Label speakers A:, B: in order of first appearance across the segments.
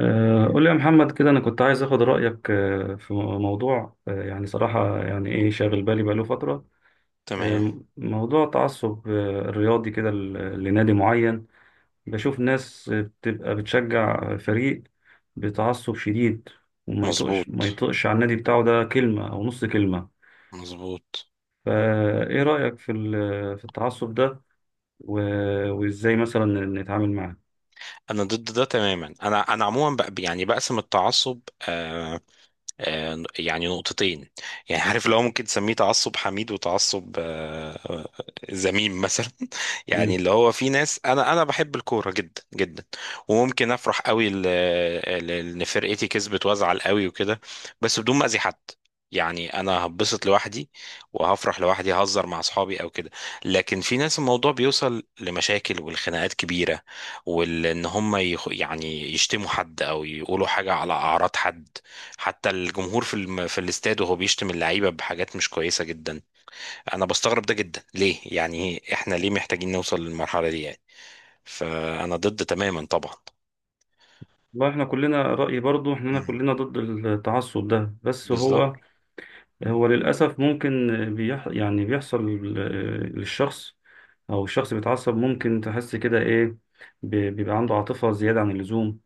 A: قول لي يا محمد كده، أنا كنت عايز أخد رأيك في موضوع. يعني صراحة، يعني إيه شاغل بالي بقاله فترة.
B: تمام.
A: موضوع تعصب الرياضي كده لنادي معين. بشوف ناس بتبقى بتشجع فريق بتعصب شديد، وما يطقش ما
B: مظبوط.
A: يطقش على النادي بتاعه ده كلمة أو نص كلمة.
B: مظبوط.
A: فإيه رأيك في في التعصب ده؟ وإزاي مثلا نتعامل معاه؟
B: انا ضد ده تماما. انا عموما يعني بقسم التعصب. آه، يعني نقطتين. يعني عارف اللي هو ممكن تسميه تعصب حميد، وتعصب ذميم مثلا يعني
A: مم.
B: اللي هو في ناس، انا بحب الكوره جدا جدا، وممكن افرح قوي ان فرقتي كسبت، وازعل قوي وكده، بس بدون ما اذي حد. يعني انا هبسط لوحدي، وهفرح لوحدي، هزر مع اصحابي او كده. لكن في ناس الموضوع بيوصل لمشاكل والخناقات كبيره، وان هم يعني يشتموا حد، او يقولوا حاجه على اعراض حد. حتى الجمهور في الاستاد وهو بيشتم اللعيبه بحاجات مش كويسه جدا. انا بستغرب ده جدا، ليه يعني، احنا ليه محتاجين نوصل للمرحله دي يعني؟ فانا ضد تماما طبعا.
A: والله احنا كلنا رأيي، برضو احنا
B: مم.
A: كلنا ضد التعصب ده. بس
B: بالظبط.
A: هو للأسف ممكن يعني بيحصل للشخص. أو الشخص بيتعصب ممكن تحس كده إيه، بيبقى عنده عاطفة زيادة عن اللزوم.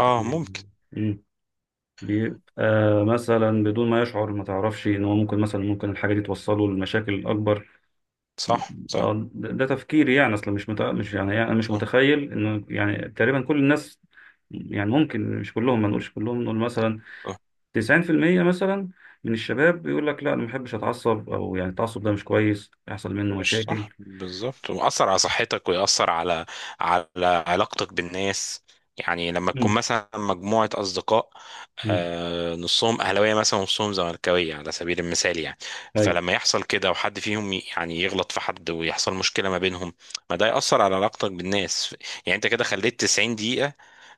B: اه، ممكن.
A: مم. بيبقى مثلا بدون ما يشعر، ما تعرفش إن هو ممكن مثلا ممكن الحاجة دي توصله لمشاكل أكبر.
B: صح، صح،
A: ده تفكيري، يعني أصلا مش، يعني أنا مش
B: صح.
A: متخيل إنه يعني تقريبا كل الناس، يعني ممكن مش كلهم، ما نقولش كلهم، نقول مثلا 90% مثلا من الشباب بيقول لك لا انا ما بحبش اتعصب، او يعني التعصب ده مش كويس يحصل منه
B: مش
A: مشاكل.
B: صح، بالظبط. وأثر على صحتك، ويأثر على علاقتك بالناس. يعني لما تكون
A: امم
B: مثلا مجموعة أصدقاء،
A: امم
B: نصهم أهلاوية مثلا ونصهم زملكاوية على سبيل المثال يعني.
A: ايوه،
B: فلما يحصل كده، وحد فيهم يعني يغلط في حد ويحصل مشكلة ما بينهم، ما ده يأثر على علاقتك بالناس. يعني أنت كده خليت 90 دقيقة،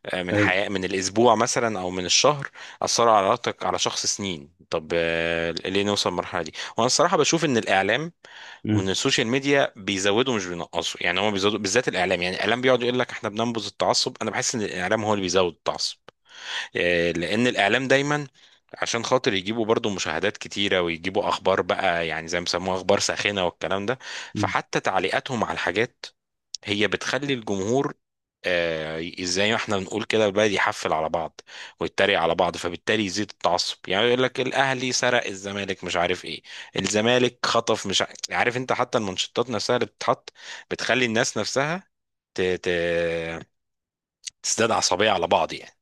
B: من
A: ايوه.
B: حياة، من الأسبوع مثلا أو من الشهر، أثروا على علاقتك على شخص سنين. طب ليه نوصل للمرحلة دي؟ وأنا الصراحة بشوف إن الإعلام
A: امم
B: ومن السوشيال ميديا بيزودوا مش بينقصوا. يعني هم بيزودوا، بالذات الاعلام. يعني الاعلام بيقعد يقول لك احنا بننبذ التعصب، انا بحس ان الاعلام هو اللي بيزود التعصب. لان الاعلام دايما عشان خاطر يجيبوا برضو مشاهدات كتيرة، ويجيبوا اخبار بقى، يعني زي ما بيسموها اخبار ساخنة والكلام ده.
A: أمم.
B: فحتى تعليقاتهم على الحاجات هي بتخلي الجمهور، زي ما احنا بنقول كده، البلد يحفل على بعض، ويتريق على بعض، فبالتالي يزيد التعصب. يعني يقول لك الاهلي سرق الزمالك مش عارف ايه، الزمالك خطف مش عارف, عارف انت. حتى المنشطات نفسها اللي بتتحط بتخلي الناس نفسها ت... ت... تزداد عصبية على بعض يعني.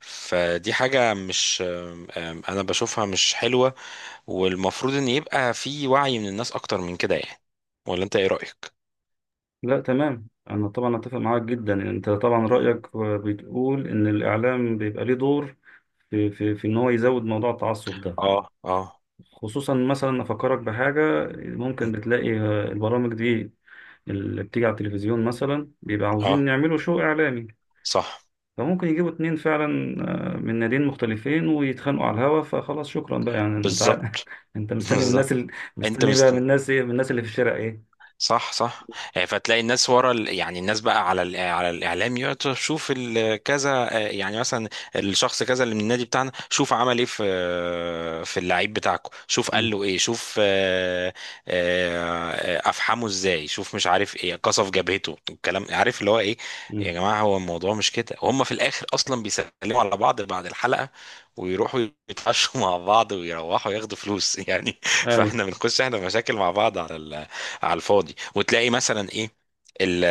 B: فدي حاجة مش، آم، آم، انا بشوفها مش حلوة. والمفروض ان يبقى في وعي من الناس اكتر من كده يعني. ولا انت ايه رأيك؟
A: لا تمام، انا طبعا اتفق معاك جدا. انت طبعا
B: مم.
A: رايك بتقول ان الاعلام بيبقى ليه دور في ان هو يزود موضوع التعصب ده.
B: اه، اه.
A: خصوصا مثلا افكرك بحاجه،
B: مم.
A: ممكن بتلاقي البرامج دي اللي بتيجي على التلفزيون مثلا، بيبقى
B: اه،
A: عاوزين يعملوا شو اعلامي.
B: صح،
A: فممكن يجيبوا اتنين فعلا من ناديين مختلفين، ويتخانقوا على الهوا. فخلاص، شكرا بقى، يعني انت
B: بالظبط.
A: انت مستني من
B: بالظبط.
A: الناس
B: انت
A: مستني بقى
B: مست...
A: من الناس ايه، من الناس اللي في الشارع ايه.
B: صح، صح. فتلاقي الناس يعني الناس بقى على الاعلام، يقعد تشوف كذا، يعني مثلا الشخص كذا اللي من النادي بتاعنا، شوف عمل ايه في في اللعيب بتاعكم، شوف قال
A: امم
B: له ايه، شوف آه، افحمه ازاي، شوف مش عارف ايه، قصف جبهته، الكلام عارف اللي هو ايه. يا
A: امم
B: جماعه، هو الموضوع مش كده، وهم في الاخر اصلا بيسلموا على بعض بعد الحلقه، ويروحوا يتعشوا مع بعض، ويروحوا ياخدوا فلوس يعني.
A: اي.
B: فاحنا بنخش احنا مشاكل مع بعض على الفاضي. وتلاقي مثلا ايه، ال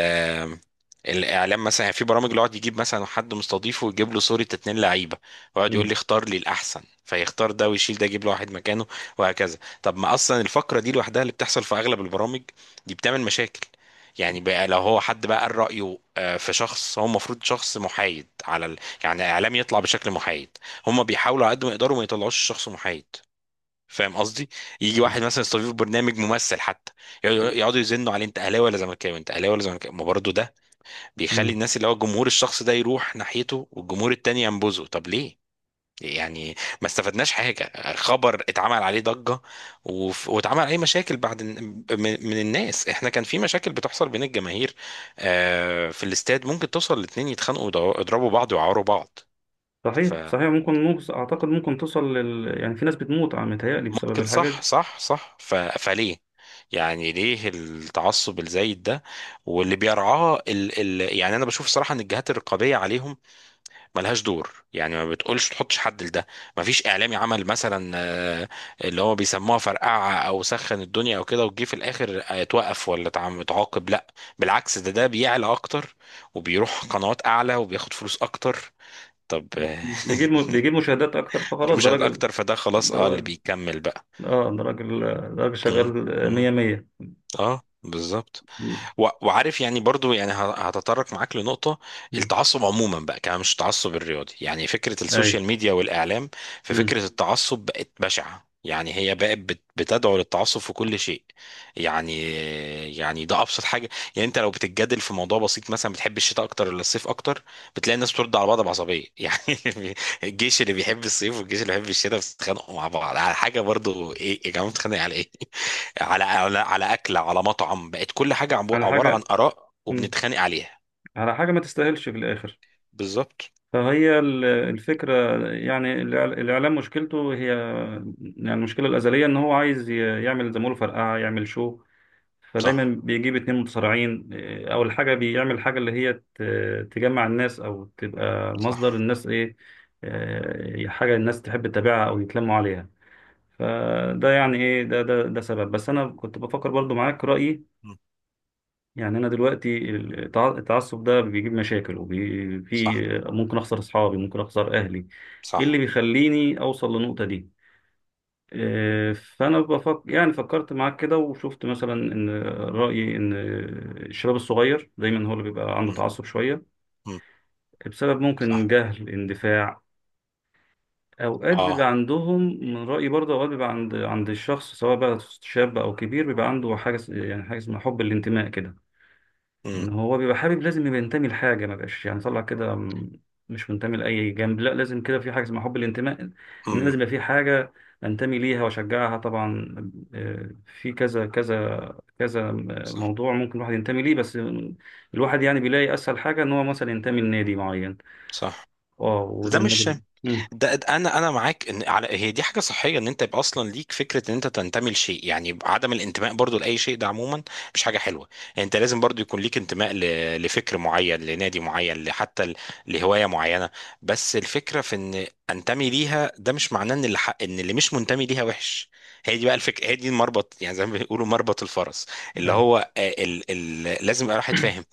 B: الاعلام مثلا، يعني في برامج اللي يقعد يجيب مثلا حد مستضيفه، ويجيب له صورة اتنين لعيبة، ويقعد يقول
A: امم
B: لي اختار لي الاحسن، فيختار ده ويشيل ده، يجيب له واحد مكانه، وهكذا. طب ما اصلا الفقرة دي لوحدها اللي بتحصل في اغلب البرامج دي بتعمل مشاكل. يعني بقى لو هو حد بقى قال رأيه في شخص، هو المفروض شخص محايد يعني اعلام يطلع بشكل محايد. هم بيحاولوا على قد ما يقدروا ما يطلعوش شخص محايد، فاهم قصدي. يجي واحد مثلا يستضيف برنامج ممثل حتى، يقعدوا يزنوا عليه انت اهلاوي ولا زملكاوي، انت اهلاوي ولا زملكاوي. ما برضه ده بيخلي
A: امم
B: الناس، اللي هو الجمهور، الشخص ده يروح ناحيته والجمهور التاني ينبذه. طب ليه يعني؟ ما استفدناش حاجه، خبر اتعمل عليه ضجه واتعمل عليه مشاكل بعد من من الناس. احنا كان في مشاكل بتحصل بين الجماهير، في الاستاد ممكن توصل الاتنين يتخانقوا، ويضربوا بعض، ويعوروا بعض. ف
A: صحيح صحيح، ممكن اعتقد ممكن توصل يعني في ناس بتموت، عم متهيألي، بسبب
B: ممكن،
A: الحاجات
B: صح،
A: دي.
B: صح، صح. فليه يعني ليه التعصب الزايد ده؟ واللي بيرعاه يعني انا بشوف صراحة ان الجهات الرقابية عليهم ملهاش دور. يعني ما بتقولش تحطش حد لده، ما فيش اعلامي عمل مثلا اللي هو بيسموها فرقعة او سخن الدنيا او كده، وجي في الاخر اتوقف ولا اتعاقب؟ لا بالعكس، ده بيعلى اكتر، وبيروح قنوات اعلى، وبياخد فلوس اكتر. طب
A: مم. بيجيب مشاهدات اكتر،
B: دي
A: فخلاص ده
B: مشاهدات
A: راجل.
B: اكتر، فده خلاص،
A: ده
B: اه، اللي
A: راجل،
B: بيكمل بقى.
A: اه ده راجل، ده راجل شغال، مية
B: مم.
A: مية.
B: اه، بالظبط. وعارف يعني، برضو يعني هتطرق معاك لنقطة،
A: امم
B: التعصب عموما بقى، كمان مش التعصب الرياضي. يعني فكرة
A: اي.
B: السوشيال ميديا والإعلام، في
A: امم
B: فكرة التعصب بقت بشعة. يعني هي بقت بتدعو للتعصب في كل شيء يعني. يعني ده أبسط حاجة، يعني أنت لو بتتجادل في موضوع بسيط مثلا، بتحب الشتاء أكتر ولا الصيف أكتر، بتلاقي الناس بترد على بعض بعصبية يعني. الجيش اللي بيحب الصيف والجيش اللي بيحب الشتاء بيتخانقوا مع بعض على حاجة برضو. إيه يا جماعة بتتخانق على إيه؟ على اكله، على مطعم. بقت كل حاجه
A: على
B: عباره عن
A: حاجة.
B: اراء،
A: امم
B: وبنتخانق عليها.
A: على حاجة ما تستاهلش في الاخر.
B: بالظبط.
A: فهي الفكرة، يعني الإعلام مشكلته هي، يعني المشكلة الأزلية إن هو عايز يعمل زي ما بيقولوا فرقعة، يعمل شو. فدايما
B: صح،
A: بيجيب اتنين متصارعين. إيه، أول حاجة بيعمل حاجة اللي هي تجمع الناس أو تبقى مصدر
B: صح.
A: الناس، إيه، إيه حاجة الناس تحب تتابعها أو يتلموا عليها. فده يعني إيه، ده سبب. بس أنا كنت بفكر برضو معاك رأيي،
B: مم.
A: يعني انا دلوقتي التعصب ده بيجيب مشاكل، وفي
B: صح،
A: ممكن اخسر اصحابي، ممكن اخسر اهلي. ايه اللي
B: صح.
A: بيخليني اوصل للنقطة دي؟ فانا بفكر، يعني فكرت معاك كده، وشفت مثلا ان رايي ان الشباب الصغير دايما هو اللي بيبقى عنده
B: مم.
A: تعصب شوية،
B: مم.
A: بسبب ممكن
B: صح.
A: جهل، اندفاع. اوقات بيبقى
B: اه.
A: عندهم، من رايي برضه اوقات بيبقى عند الشخص، سواء بقى شاب او كبير، بيبقى عنده حاجه يعني حاجه اسمها حب الانتماء كده.
B: مم.
A: ان هو بيبقى حابب لازم يبقى ينتمي لحاجه، ما بقاش يعني طلع كده مش منتمي لاي جنب. لا، لازم كده في حاجه اسمها حب الانتماء، ان أنا لازم
B: مم.
A: يبقى في حاجه انتمي ليها واشجعها طبعا. في كذا، كذا، كذا
B: صح،
A: موضوع ممكن الواحد ينتمي ليه. بس الواحد يعني بيلاقي اسهل حاجه ان هو مثلا ينتمي لنادي معين.
B: صح.
A: اه، وده
B: ده
A: النادي
B: مش
A: مم.
B: ده انا معاك، ان على هي دي حاجه صحيه، ان انت يبقى اصلا ليك فكره ان انت تنتمي لشيء. يعني عدم الانتماء برضو لاي شيء ده عموما مش حاجه حلوه. يعني انت لازم برضو يكون ليك انتماء لفكر معين، لنادي معين، لحتى لهوايه معينه. بس الفكره في ان انتمي ليها، ده مش معناه ان اللي حق، ان اللي مش منتمي ليها وحش. هي دي بقى الفكره، هي دي المربط، يعني زي ما بيقولوا مربط الفرس. اللي
A: ايوه،
B: هو ال لازم يبقى الواحد فاهم،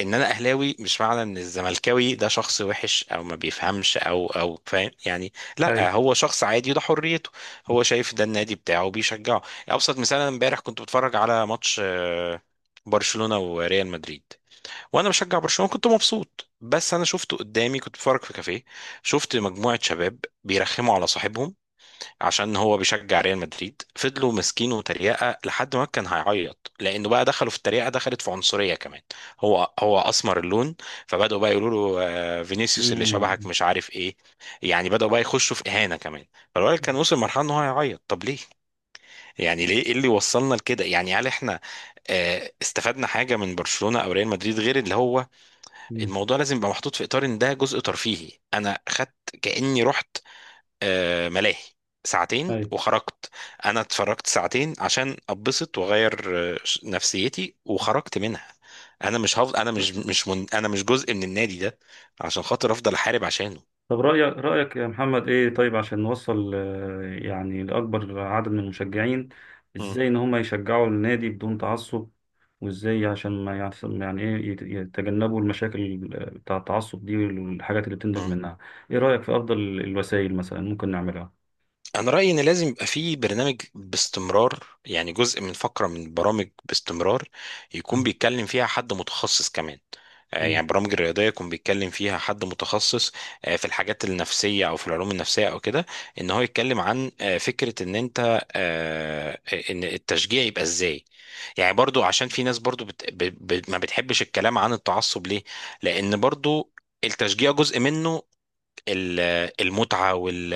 B: ان انا اهلاوي مش معنى ان الزملكاوي ده شخص وحش، او ما بيفهمش او فاهم يعني.
A: ايوه.
B: لا، هو شخص عادي وده حريته، هو شايف ده النادي بتاعه وبيشجعه. ابسط مثال، انا امبارح كنت بتفرج على ماتش برشلونة وريال مدريد، وانا بشجع برشلونة، كنت مبسوط. بس انا شفته قدامي، كنت بتفرج في كافيه، شفت مجموعة شباب بيرخموا على صاحبهم عشان هو بيشجع ريال مدريد، فضلوا ماسكينه وتريقه لحد ما كان هيعيط، لانه بقى دخلوا في التريقه، دخلت في عنصريه كمان. هو هو اسمر اللون، فبداوا بقى يقولوا له فينيسيوس اللي شبهك
A: مم.
B: مش عارف ايه، يعني بداوا بقى يخشوا في اهانه كمان. فالولد كان وصل لمرحله ان هو هيعيط. طب ليه؟ يعني ليه، ايه اللي وصلنا لكده يعني؟ هل احنا استفدنا حاجه من برشلونه او ريال مدريد؟ غير اللي هو،
A: مم.
B: الموضوع لازم يبقى محطوط في اطار ان ده جزء ترفيهي. انا خدت كاني رحت ملاهي ساعتين
A: ايوه.
B: وخرجت. انا اتفرجت ساعتين عشان ابسط واغير نفسيتي، وخرجت منها. انا مش هفضل، انا مش مش من... انا مش جزء من النادي ده عشان خاطر افضل احارب عشانه.
A: طب رأيك يا محمد إيه؟ طيب عشان نوصل يعني لأكبر عدد من المشجعين،
B: مم.
A: إزاي إن هم يشجعوا النادي بدون تعصب؟ وإزاي عشان ما يعصب، يعني إيه، يتجنبوا المشاكل بتاع التعصب دي والحاجات اللي بتنتج
B: مم.
A: منها. إيه رأيك في أفضل الوسائل مثلا ممكن نعملها؟
B: انا رايي ان لازم يبقى في برنامج باستمرار، يعني جزء من فقره من برامج باستمرار، يكون
A: مم.
B: بيتكلم فيها حد متخصص كمان.
A: مم.
B: يعني برامج الرياضيه يكون بيتكلم فيها حد متخصص في الحاجات النفسيه، او في العلوم النفسيه او كده. ان هو يتكلم عن فكره ان انت ان التشجيع يبقى ازاي. يعني برضو عشان في ناس برضو ما بتحبش الكلام عن التعصب. ليه؟ لان برضو التشجيع جزء منه، ال- المتعة وال،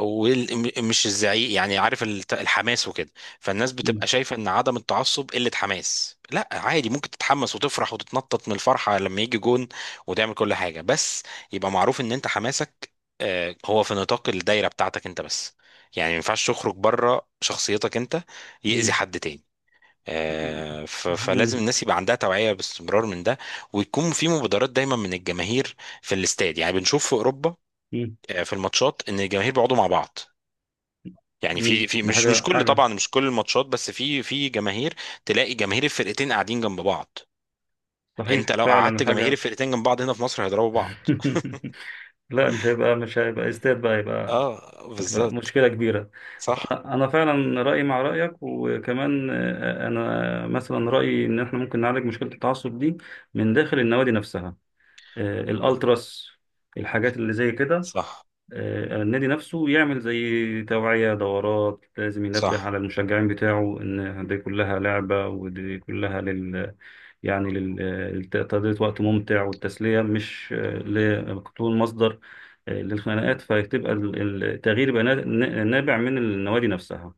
B: ومش الزعيق يعني. عارف الحماس وكده. فالناس بتبقى
A: مم.
B: شايفة ان عدم التعصب قلة حماس. لا عادي، ممكن تتحمس وتفرح وتتنطط من الفرحة لما يجي جون، وتعمل كل حاجة، بس يبقى معروف ان انت حماسك هو في نطاق الدايرة بتاعتك انت بس. يعني ما ينفعش تخرج بره شخصيتك انت، يأذي حد تاني. فلازم
A: مم.
B: الناس يبقى عندها توعية باستمرار من ده، ويكون في مبادرات دايما من الجماهير في الاستاد. يعني بنشوف في أوروبا
A: مم.
B: في الماتشات ان الجماهير بيقعدوا مع بعض، يعني في
A: مم.
B: في
A: ده
B: مش مش
A: حاجة،
B: كل،
A: حاجة.
B: طبعا مش كل الماتشات، بس في جماهير تلاقي جماهير الفرقتين قاعدين جنب بعض. انت
A: صحيح
B: لو
A: فعلا،
B: قعدت جماهير
A: حاجة.
B: الفرقتين جنب بعض هنا في مصر هيضربوا بعض.
A: لا، مش هيبقى، استاد بقى،
B: اه
A: هتبقى
B: بالظبط.
A: مشكلة كبيرة.
B: صح،
A: انا فعلا رايي مع رايك، وكمان انا مثلا رايي ان احنا ممكن نعالج مشكله التعصب دي من داخل النوادي نفسها.
B: صح،
A: الالتراس، الحاجات اللي زي كده،
B: صح،
A: النادي نفسه يعمل زي توعيه، دورات، لازم
B: صح.
A: ينبه على المشجعين بتاعه ان دي كلها لعبه، ودي كلها يعني لتقضية وقت ممتع والتسليه، مش تكون مصدر للخناقات. فتبقى التغيير يبقى نابع من النوادي نفسها.